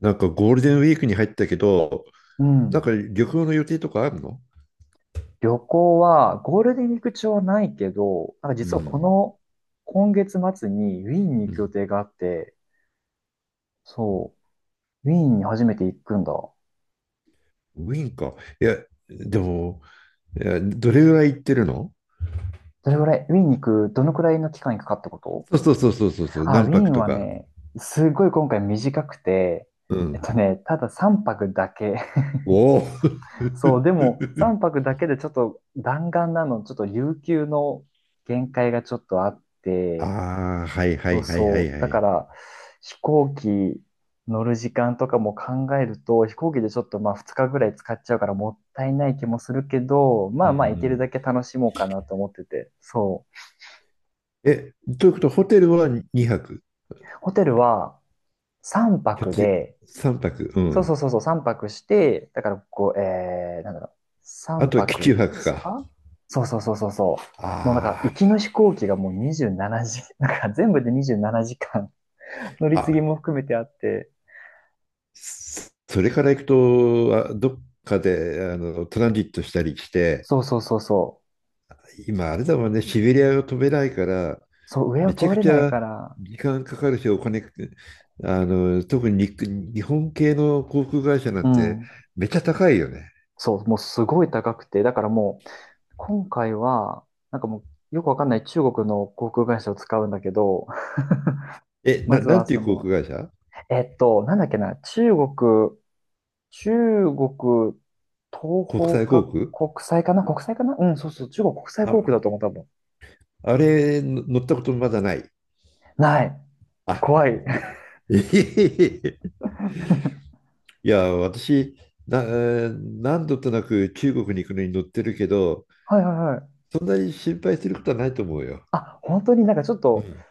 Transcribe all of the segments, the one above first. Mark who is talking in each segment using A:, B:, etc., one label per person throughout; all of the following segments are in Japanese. A: なんかゴールデンウィークに入ったけど、
B: う
A: なん
B: ん。
A: か旅行の予定とかあるの？
B: 旅行は、ゴールデンウィーク中はないけど、なんか
A: う
B: 実はこ
A: ん。
B: の、今月末にウィーンに
A: う
B: 行く予
A: ん。
B: 定があって、そう、ウィーンに初めて行くんだ。ど
A: ウィーンか。いや、でも、いや、どれぐらい行ってるの？
B: れぐらい、ウィーンに行く、どのくらいの期間にかかったこと？
A: そうそうそうそうそうそう、
B: あ、ウ
A: 何
B: ィー
A: 泊
B: ン
A: と
B: は
A: か。
B: ね、すごい今回短くて、
A: うん。
B: ただ3泊だけ。
A: おお。
B: そう、でも3泊だけでちょっと弾丸なの、ちょっと有給の限界がちょっとあって、
A: ああ、はいは
B: そう
A: いはいはい
B: そう。
A: は
B: だか
A: い。
B: ら、飛行機乗る時間とかも考えると、飛行機でちょっとまあ2日ぐらい使っちゃうからもったいない気もするけど、ま
A: う
B: あ
A: んう
B: まあ行ける
A: ん。
B: だけ楽しもうかなと思ってて。そ
A: え、ということは、ホテルは2泊、
B: う。ホテルは3
A: ひょっ
B: 泊
A: として
B: で、
A: 3泊、う
B: そう
A: ん。
B: そうそうそう、3泊して、だからこう、なんだろう、
A: あ
B: 3
A: とは基地
B: 泊
A: 泊
B: 5
A: か。
B: か、そうそうそうそうそう。もうなんか、
A: あ
B: 行きの飛行機がもう27時、なんか全部で27時間 乗り
A: あ。
B: 継ぎ
A: あ、
B: も含めてあって、
A: それから行くと、あどっかでトランジットしたりして、
B: そうそうそうそう。
A: 今あれだもんね、シベリアを飛べないから、
B: そう、上を
A: めちゃ
B: 通
A: く
B: れ
A: ち
B: ない
A: ゃ
B: から、
A: 時間かかるし、お金、特に日本系の航空会社な
B: う
A: んて
B: ん。
A: めっちゃ高いよね。
B: そう、もうすごい高くて、だからもう、今回は、なんかもう、よくわかんない中国の航空会社を使うんだけど、
A: え、
B: まず
A: な
B: は
A: んてい
B: そ
A: う航
B: の、
A: 空会社？
B: なんだっけな、中国、中国東
A: 国
B: 方
A: 際航
B: か
A: 空？
B: 国際かな、国際かな、うん、そうそう、中国国際航
A: あ、
B: 空だと思う、多分。
A: あれの乗ったことまだない。
B: ない。
A: あ、で、
B: 怖い。
A: いや、私、な、えー何度となく中国に行くのに乗ってるけど、
B: はいはいはい。
A: そんなに心配することはないと思うよ。
B: あ、本当になんかちょっ
A: う
B: と、
A: ん。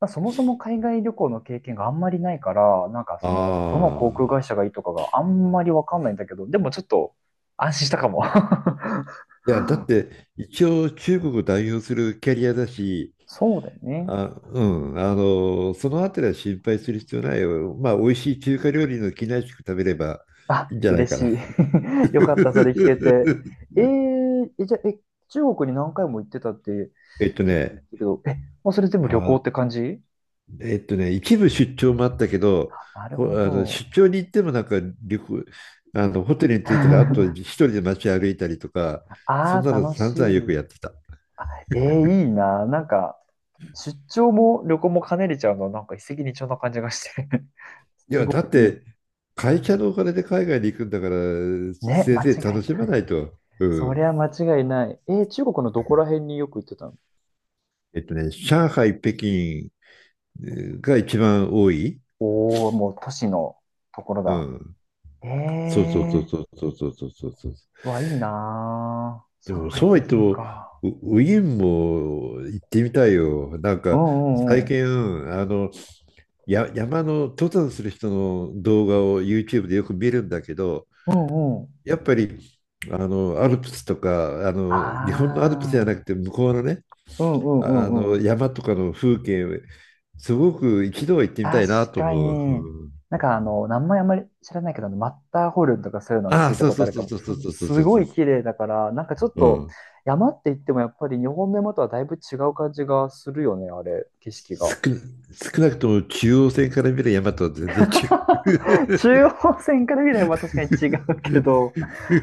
B: まあそもそも海外旅行の経験があんまりないから、なんかその、どの
A: あ
B: 航空
A: あ。
B: 会社がいいとかがあんまりわかんないんだけど、でもちょっと安心したかも。
A: いや、だって、一応中国を代表するキャリアだし、
B: そうだよね。
A: あ、うん、そのあたりは心配する必要ないよ。まあ、美味しい中華料理の機内食食べればい
B: あ、
A: いんじゃない
B: 嬉
A: か
B: し
A: な。
B: い。よかった、それ聞けて。じゃあ、中国に何回も行ってたって、
A: えっと
B: さっき言っ
A: ね、
B: たけど、もうそれ全部旅行
A: あ、
B: って感じ？
A: 一部出張もあったけど、
B: なるほ
A: あの
B: ど。
A: 出張に行ってもなんか旅行、あのホテルに着いたらあと一 人で街歩いたりとか、そん
B: あ
A: な
B: あ、
A: の
B: 楽
A: 散
B: し
A: 々よ
B: い。
A: くやってた。
B: いいな。なんか、出張も旅行も兼ねれちゃうの、なんか一石二鳥な感じがして。
A: い
B: す
A: や、だ
B: ご
A: っ
B: いいい。
A: て、会社のお金で海外に行くんだから、
B: ね、
A: せい
B: 間違
A: ぜい
B: いな
A: 楽しまな
B: い。
A: いと。う
B: そり
A: ん。
B: ゃ間違いない。中国のどこら辺によく行ってたの？
A: 上海、北京が一番多い。
B: おおー、もう都市のところ
A: う
B: だ。
A: ん。
B: え
A: そうそうそう
B: え
A: そうそうそうそうそうそう。
B: ー、わ、いいな
A: で
B: ー。上
A: も、
B: 海、
A: そうは
B: 北
A: 言って
B: 京
A: も、
B: か。
A: ウィーンも行ってみたいよ。なん
B: う
A: か、
B: んう
A: 最
B: んうん。
A: 近、あの、や、山の登山する人の動画を YouTube でよく見るんだけど、
B: うんうん。
A: やっぱり、アルプスとか、
B: あ
A: 日本のアルプスじゃなく
B: あ、
A: て、向こうのね、
B: うんうん
A: あ、
B: う
A: あ
B: んう
A: の
B: ん。
A: 山とかの風景、すごく一度は行ってみた
B: 確
A: いなと
B: か
A: 思う。
B: に、
A: うん、
B: なんかあの、名前あんまり知らないけど、あのマッターホルンとかそういうのを
A: あ
B: 聞
A: あ、
B: いた
A: そう
B: こと
A: そ
B: あ
A: う
B: る
A: そ
B: か
A: う
B: も。
A: そう
B: そ
A: そ
B: う
A: う
B: そう
A: そうそう
B: す
A: そう
B: ご
A: そ
B: い綺麗だから、なんかちょっ
A: う。う
B: と
A: ん。
B: 山って言ってもやっぱり日本の山とはだいぶ違う感じがするよね、あれ、景色が。
A: 少な、少なくとも中央線から見る山とは全然違
B: 中
A: う。
B: 央線から見れば確かに違うけ ど、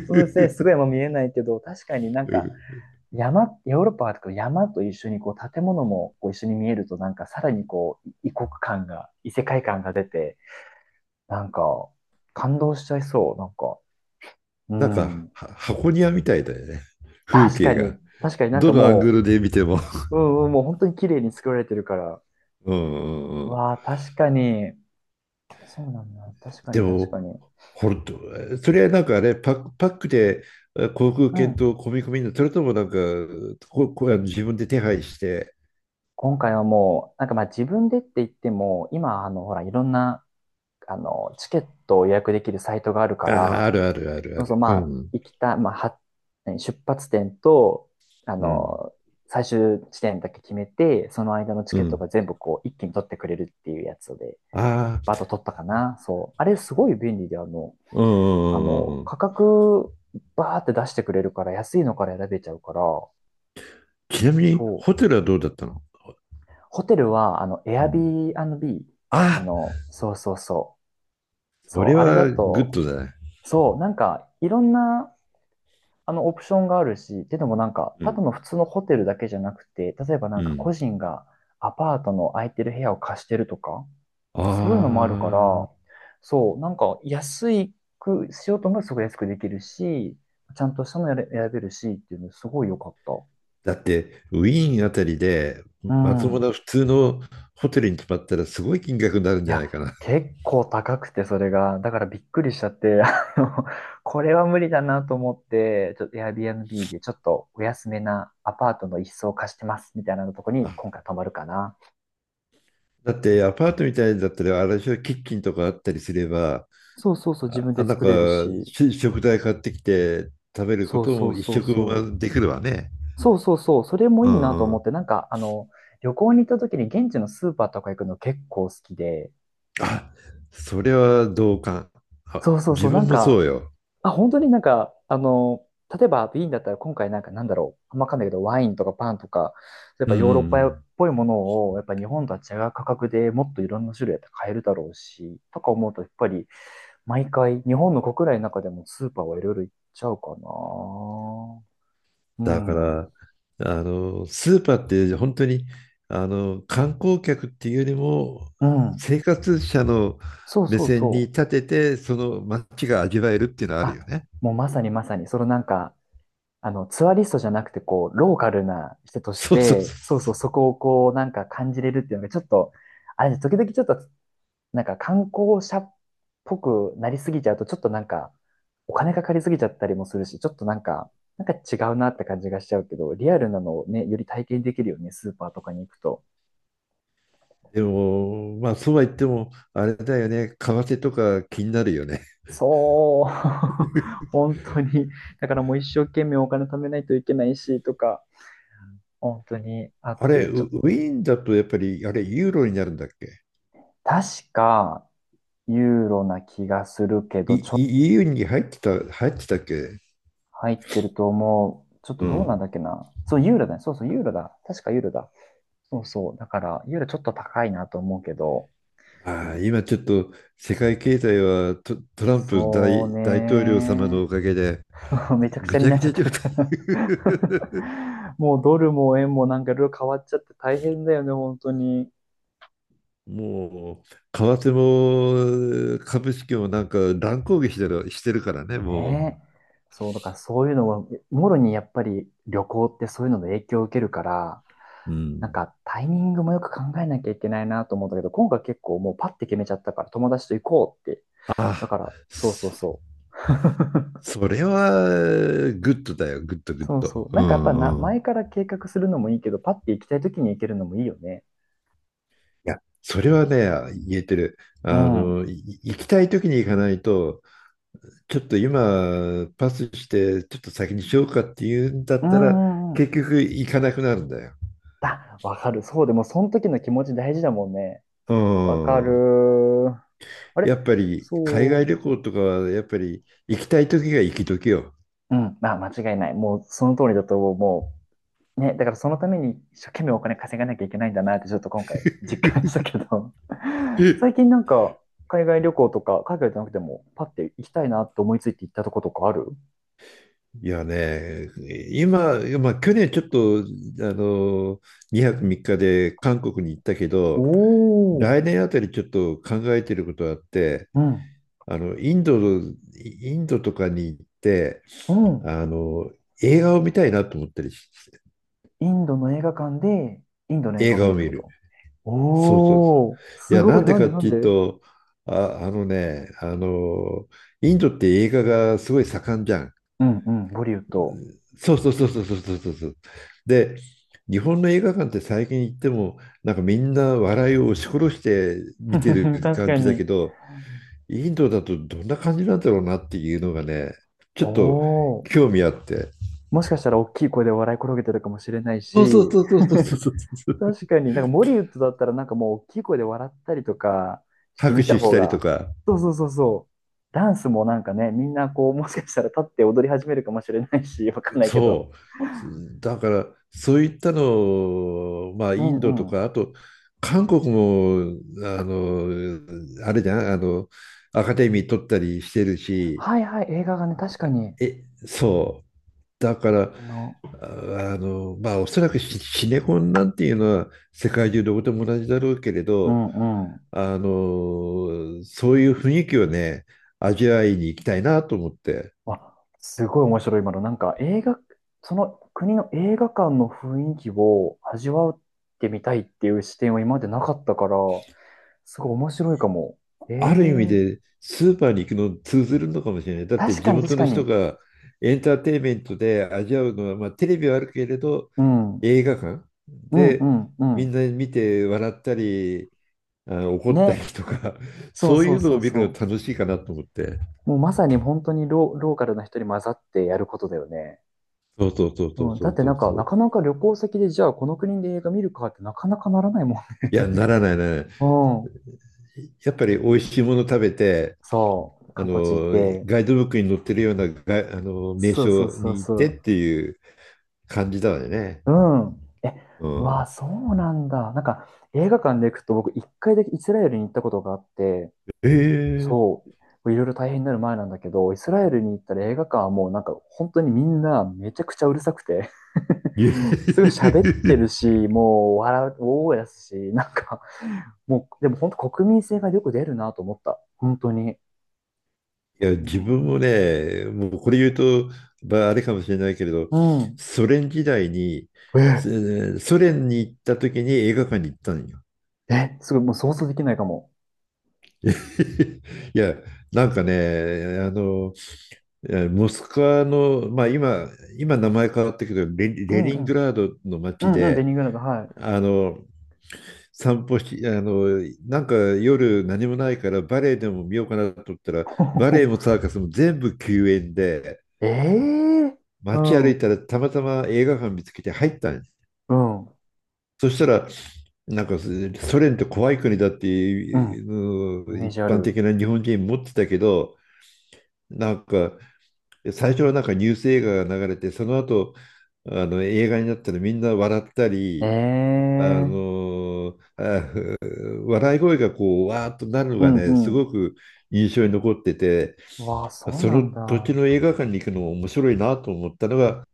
B: そうですね、すごい山見えないけど、確かになん
A: う
B: か
A: ん。
B: 山、ヨーロッパとか山と一緒にこう建物もこう一緒に見えると、なんかさらにこう異国感が、異世界感が出て、なんか、感動しちゃいそう。なんか、う
A: なんか
B: ん。
A: は箱庭みたいだよね。風
B: 確か
A: 景が。
B: に、確かになん
A: ど
B: か
A: のアング
B: も
A: ルで見ても。
B: う、うんうん、もう本当に綺麗に作られてるから。
A: うんうんうん。
B: わあ、確かに。そうなんだ。確か
A: で
B: に、確か
A: も、
B: に。
A: 本当、それはなんかね、パックであ航空
B: う
A: 券
B: ん。
A: と込み込みの、それともなんか、こ、こ、あの自分で手配して、
B: 今回はもう、なんかまあ自分でって言っても、今、あの、ほら、いろんな、あの、チケットを予約できるサイトがあるか
A: ああ、
B: ら、
A: あるあるあるあ
B: そうそう、
A: る。う
B: まあ、
A: ん、
B: 行きた、まあ、は、何出発点と、あ
A: うん、
B: の、最終地点だけ決めて、その間のチ
A: う
B: ケット
A: ん。
B: が全部こう、一気に取ってくれるっていうやつで、
A: あ
B: バーッ
A: あ、
B: と取ったかな。そう。あれ、すごい便利で、あの、
A: うん
B: あ
A: うんう
B: の、
A: んうん。
B: 価格、バーって出してくれるから、安いのから選べちゃうから、
A: ちなみに、
B: そ
A: ホ
B: う。
A: テルはどうだったの？
B: ホテルは、あの、エ
A: う
B: アビ
A: ん。
B: ービー、あ
A: あ、
B: の、そうそうそう。
A: そ
B: そ
A: れ
B: う、あれだ
A: はグッ
B: と、
A: ドだね。
B: そう、なんか、いろんなあのオプションがあるし、っていうのもなんか、
A: う
B: た
A: ん、
B: だの普通のホテルだけじゃなくて、例えばな
A: う
B: んか個
A: ん。
B: 人がアパートの空いてる部屋を貸してるとか、
A: あ
B: そういうのもあるから、
A: あ、
B: そう、なんか安くしようと思えばすごい安くできるし、ちゃんとしたのやれ選べるしっていうのすごい良かった。
A: だって、ウィーンあたりで、
B: う
A: まとも
B: ん。
A: な普通のホテルに泊まったらすごい金額になるん
B: い
A: じゃな
B: や、
A: いかな。
B: 結構高くて、それが。だからびっくりしちゃって、あの、これは無理だなと思って、ちょっと Airbnb でちょっとお安めなアパートの一室を貸してます、みたいなとこに今
A: あ、
B: 回泊まるかな。
A: だってアパートみたいだったら、あれでしょ、キッチンとかあったりすれば、
B: そうそうそう、自分で
A: なん
B: 作
A: か
B: れるし。
A: し食材買ってきて食べるこ
B: そう
A: と
B: そ
A: も
B: う
A: 一
B: そう
A: 食分
B: そ
A: はできるわね。
B: う。そうそうそう、それも
A: う
B: いいなと
A: んう
B: 思っ
A: ん。
B: て、なんか、あの、旅行に行った時に現地のスーパーとか行くの結構好きで、
A: あ、それは同感。あ、
B: そうそう
A: 自
B: そう、な
A: 分
B: ん
A: もそ
B: か、
A: うよ。
B: あ、本当になんか、あの、例えばビーンだったら今回なんかなんだろう、あんまわかんないけど、ワインとかパンとか、やっ
A: うん
B: ぱ
A: うん
B: ヨーロッ
A: う
B: パ
A: ん。
B: っぽいものを、やっぱ日本とは違う価格でもっといろんな種類やって買えるだろうし、とか思うと、やっぱり毎回日本の国内の中でもスーパーはいろいろ行っちゃうかな。う
A: だか
B: ん。
A: ら、スーパーって本当に、観光客っていうよりも、
B: うん。
A: 生活者の
B: そう
A: 目
B: そう
A: 線に
B: そ
A: 立
B: う。
A: てて、その街が味わえるっていうのはあるよ
B: あ、
A: ね。
B: もうまさにまさに、そのなんか、あの、ツアリストじゃなくて、こう、ローカルな人とし
A: そうそうそ
B: て、そうそう、
A: う。
B: そこをこう、なんか感じれるっていうのが、ちょっと、あれね、時々ちょっと、なんか観光者っぽくなりすぎちゃうと、ちょっとなんか、お金かかりすぎちゃったりもするし、ちょっとなんか、なんか違うなって感じがしちゃうけど、リアルなのをね、より体験できるよね、スーパーとかに行くと。
A: でも、まあ、そうは言っても、あれだよね、為替とか気になるよね。
B: そう、本当に。だからもう一生懸命お金貯めないといけないし、とか、本当にあ っ
A: あれ、
B: て、ちょっ
A: ウ
B: と、
A: ィーンだとやっぱり、あれ、ユーロになるんだっけ？
B: 確か、ユーロな気がするけ
A: い
B: ど、ちょっと
A: い ?EU に入ってた、入ってたっけ？
B: 入ってると思う。ちょっ
A: う
B: とどうなん
A: ん。
B: だっけな。そう、ユーロだね。そうそう、ユーロだ。確かユーロだ。そうそう。だから、ユーロちょっと高いなと思うけど、
A: ああ、今ちょっと世界経済はトランプ
B: そう
A: 大統領様の
B: ね。
A: おかげで、
B: めちゃくち
A: ぐ
B: ゃ
A: ち
B: に
A: ゃ
B: な
A: ぐ
B: っち
A: ち
B: ゃっ
A: ゃ状
B: て
A: 態。
B: るから もうドルも円もなんかいろいろ変わっちゃって大変だよね、本当に。
A: もう、為替も株式もなんか乱高下してるからね、も
B: ねえ。そう、だからそういうのは、もろにやっぱり旅行ってそういうので影響を受けるから、
A: う。う
B: なん
A: ん。
B: かタイミングもよく考えなきゃいけないなと思うんだけど、今回結構もうパッて決めちゃったから友達と行こうって。
A: あ
B: だ
A: あ、
B: から、そうそうそう。
A: それは、グッドだよ、グッド、グッ
B: そうそ
A: ド。
B: う。な
A: う
B: んかやっぱな、
A: んうん。い
B: 前から計画するのもいいけど、パッて行きたい時に行けるのもいいよね。
A: や、それはね、言えてる。
B: うん。
A: 行きたい時に行かないと、ちょっと今、パスして、ちょっと先にしようかっていうんだ
B: う
A: ったら、
B: んうんう
A: 結
B: ん。
A: 局行かなくなるんだよ。
B: あ、わかる。そうでも、その時の気持ち大事だもんね。
A: う
B: わか
A: ん。
B: る。あ
A: や
B: れ
A: っぱり、海外
B: そ
A: 旅行とかは、やっぱり、行きたい時が行き時よ。
B: う。うん。あ、間違いない。もう、その通りだと思う。もう、ね、だからそのために一生懸命お金稼がなきゃいけないんだなってちょっと今回実感したけど 最近なんか海外旅行とか海外じゃなくてもパッて行きたいなって思いついて行ったとことかある？
A: いやね、今、まあ、去年ちょっと、あの、2泊3日で韓国に行ったけ
B: お
A: ど、
B: おー、
A: 来年あたりちょっと考えていることがあって、
B: うん、
A: インドとかに行って、
B: うん。
A: あの、映画を見たいなと思ったりし、
B: インドの映画館でインドの映画
A: 映
B: を見
A: 画
B: る
A: を
B: って
A: 見
B: こ
A: る。
B: と？
A: そうそう。
B: お
A: い
B: おー、す
A: や、
B: ご
A: な
B: い。
A: んで
B: なん
A: か
B: で
A: っ
B: なん
A: ていう
B: で。
A: と、あ、あのね、インドって映画がすごい盛んじゃん。
B: うんうん、ボリウッド。
A: そうそうそうそうそうそうそうそう。で、日本の映画館って最近行っても、なんかみんな笑いを押し殺して見て る
B: 確
A: 感
B: か
A: じだ
B: に。
A: けど、インドだとどんな感じなんだろうなっていうのがね、ちょ
B: お
A: っと
B: お、
A: 興味あって。
B: もしかしたら大きい声で笑い転げてるかもしれない
A: そうそう
B: し。
A: そうそうそうそうそう。
B: 確かに、なんかモリウッドだったらなんかもう大きい声で笑ったりとかして
A: 拍
B: みた
A: 手し
B: 方
A: たりと
B: が、
A: か、
B: そうそうそうそう。ダンスもなんかね、みんなこう、もしかしたら立って踊り始めるかもしれないし、わかんないけど。
A: そう。だから、そういったのを、まあ、
B: う
A: インドと
B: んう
A: か、
B: ん。
A: あと、韓国も、あれじゃん、アカデミー取ったりしてるし、
B: はいはい、映画がね、確かに。
A: え、そう。だか
B: 感
A: ら、
B: じの。
A: まあ、おそらくシネコンなんていうのは世界中どこでも同じだろうけれ
B: う
A: ど、
B: んうん。
A: そういう雰囲気をね、味わいに行きたいなと思って、
B: わ、すごい面白い今の。なんか映画、その国の映画館の雰囲気を味わってみたいっていう視点は今までなかったから、すごい面白いかも。え
A: ある意味
B: え、
A: でスーパーに行くの通ずるのかもしれない。だって
B: 確
A: 地
B: かに確
A: 元
B: か
A: の人
B: に。
A: がエンターテインメントで味わうのは、まあ、テレビはあるけれど、
B: うん。
A: 映画館
B: うんう
A: で
B: んう
A: みん
B: ん。
A: な見て笑ったり、あ、怒ったり
B: ね。
A: とか、
B: そう
A: そう
B: そ
A: い
B: う
A: うの
B: そ
A: を
B: う
A: 見る
B: そ
A: の楽しいかなと思って。
B: う。もうまさに本当にローカルな人に混ざってやることだよね。
A: そうそうそうそう
B: うん。
A: そ
B: だっ
A: う
B: て
A: そ
B: な
A: う
B: んか、
A: そ
B: な
A: う。
B: かなか旅行先でじゃあこの国で映画見るかってなかなかならないもん
A: いや、
B: ね。
A: ならないならな い。
B: うん。
A: やっぱり美味しいもの食べて、
B: そう。
A: あ
B: 観光地行っ
A: の、
B: て。
A: ガイドブックに載ってるようなが、名
B: そうそう
A: 所
B: そう
A: に行っ
B: そ
A: てっ
B: う。
A: ていう感じだよね。
B: うん。え、
A: う
B: うわ
A: ん。
B: あ、そうなんだ。なんか、映画館で行くと僕一回だけイスラエルに行ったことがあって、
A: ええ。
B: そう、いろいろ大変になる前なんだけど、イスラエルに行ったら映画館はもうなんか本当にみんなめちゃくちゃうるさくて、 すごい
A: い
B: 喋ってるし、もう笑う、大声出すし、なんかもう、でも本当国民性がよく出るなと思った。本当に。
A: や
B: う
A: 自
B: ん。
A: 分もね、もうこれ言うと、まあ、あれかもしれないけれど、
B: うん。
A: ソ連時代に、
B: え、
A: ソ連に行った時に映画館に行ったのよ。
B: え、すごい、もう想像できないかも。
A: いや、なんかね、モスクワの、まあ、今名前変わったけど
B: う
A: レ
B: んう
A: ニング
B: ん。
A: ラードの
B: う
A: 街
B: んうん、ベ
A: で、
B: ニグラード、はい。
A: あの、散歩し、なんか夜何もないからバレエでも見ようかなと思ったら、バレエもサーカスも全部休園で、
B: ええ、う
A: 街歩
B: ん。
A: い
B: う
A: たらたまたま映画館見つけて入ったんです。
B: ん。
A: そしたら、なんかソ連って怖い国だって
B: う
A: い
B: ん。
A: うの
B: イ
A: を
B: メー
A: 一
B: ジあ
A: 般
B: る。
A: 的な日本人持ってたけど、なんか最初はなんかニュース映画が流れて、その後、あの映画になったらみんな笑った
B: え
A: り、あ
B: え、
A: のあ笑い声がこう、わーっとなるの
B: う
A: が
B: ん
A: ね、
B: う
A: す
B: ん。
A: ごく印象に残ってて、
B: わあ、そう
A: そ
B: な
A: の
B: ん
A: 土地
B: だ。
A: の映画館に行くのも面白いなと思ったのが、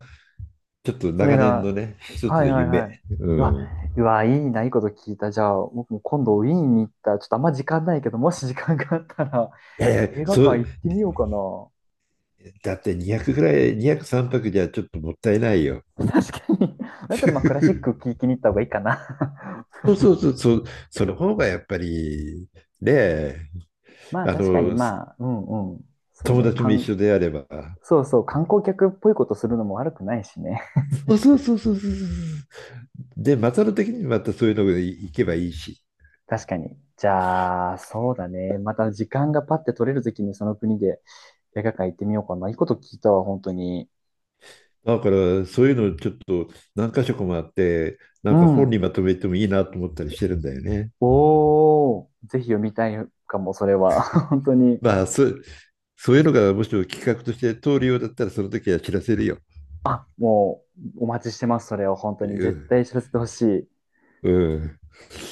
A: ちょっと
B: それ
A: 長年
B: が、
A: のね、一つ
B: はい
A: の
B: はいは
A: 夢。
B: い。
A: う
B: うわ、
A: ん。い
B: うわ、いいな、いいこと聞いた。じゃあ、僕も今度ウィーンに行ったら、ちょっとあんま時間ないけど、もし時間があったら、
A: やいや、
B: 映画
A: そ
B: 館
A: う、
B: 行ってみようかな。
A: だって200ぐらい、200、3泊じゃちょっともったいないよ。
B: 確かに。だったら、まあ、クラシック 聴きに行った方がいいかな。
A: そうそうそう、そう、その方がやっぱり、ねえ。
B: まあ、
A: あ
B: 確かに、
A: の、
B: まあ、うん、うん。そう
A: 友
B: ね、
A: 達
B: か
A: も
B: ん、
A: 一緒であれば、
B: そうそう、観光客っぽいことするのも悪くないしね。
A: そうそうそうそうそうそうそう。で、マサル的にまたそういうのが行けばいいし。
B: 確かに。じゃあ、そうだね。また時間がパッて取れるときにその国で映画館行ってみようかな。いいこと聞いたわ、本当に。
A: だからそういうのちょっと何箇所かもあって、な
B: う
A: んか本
B: ん。
A: にまとめてもいいなと思ったりしてるんだよね。
B: おー、ぜひ読みたいかも、それは。本当に、
A: まあ、そう、そういうのがもしも企画として通るようだったら、その時は知らせるよ。
B: もう、お待ちしてます、それを。本当
A: う
B: に、絶
A: ん。
B: 対知らせてほしい。
A: うん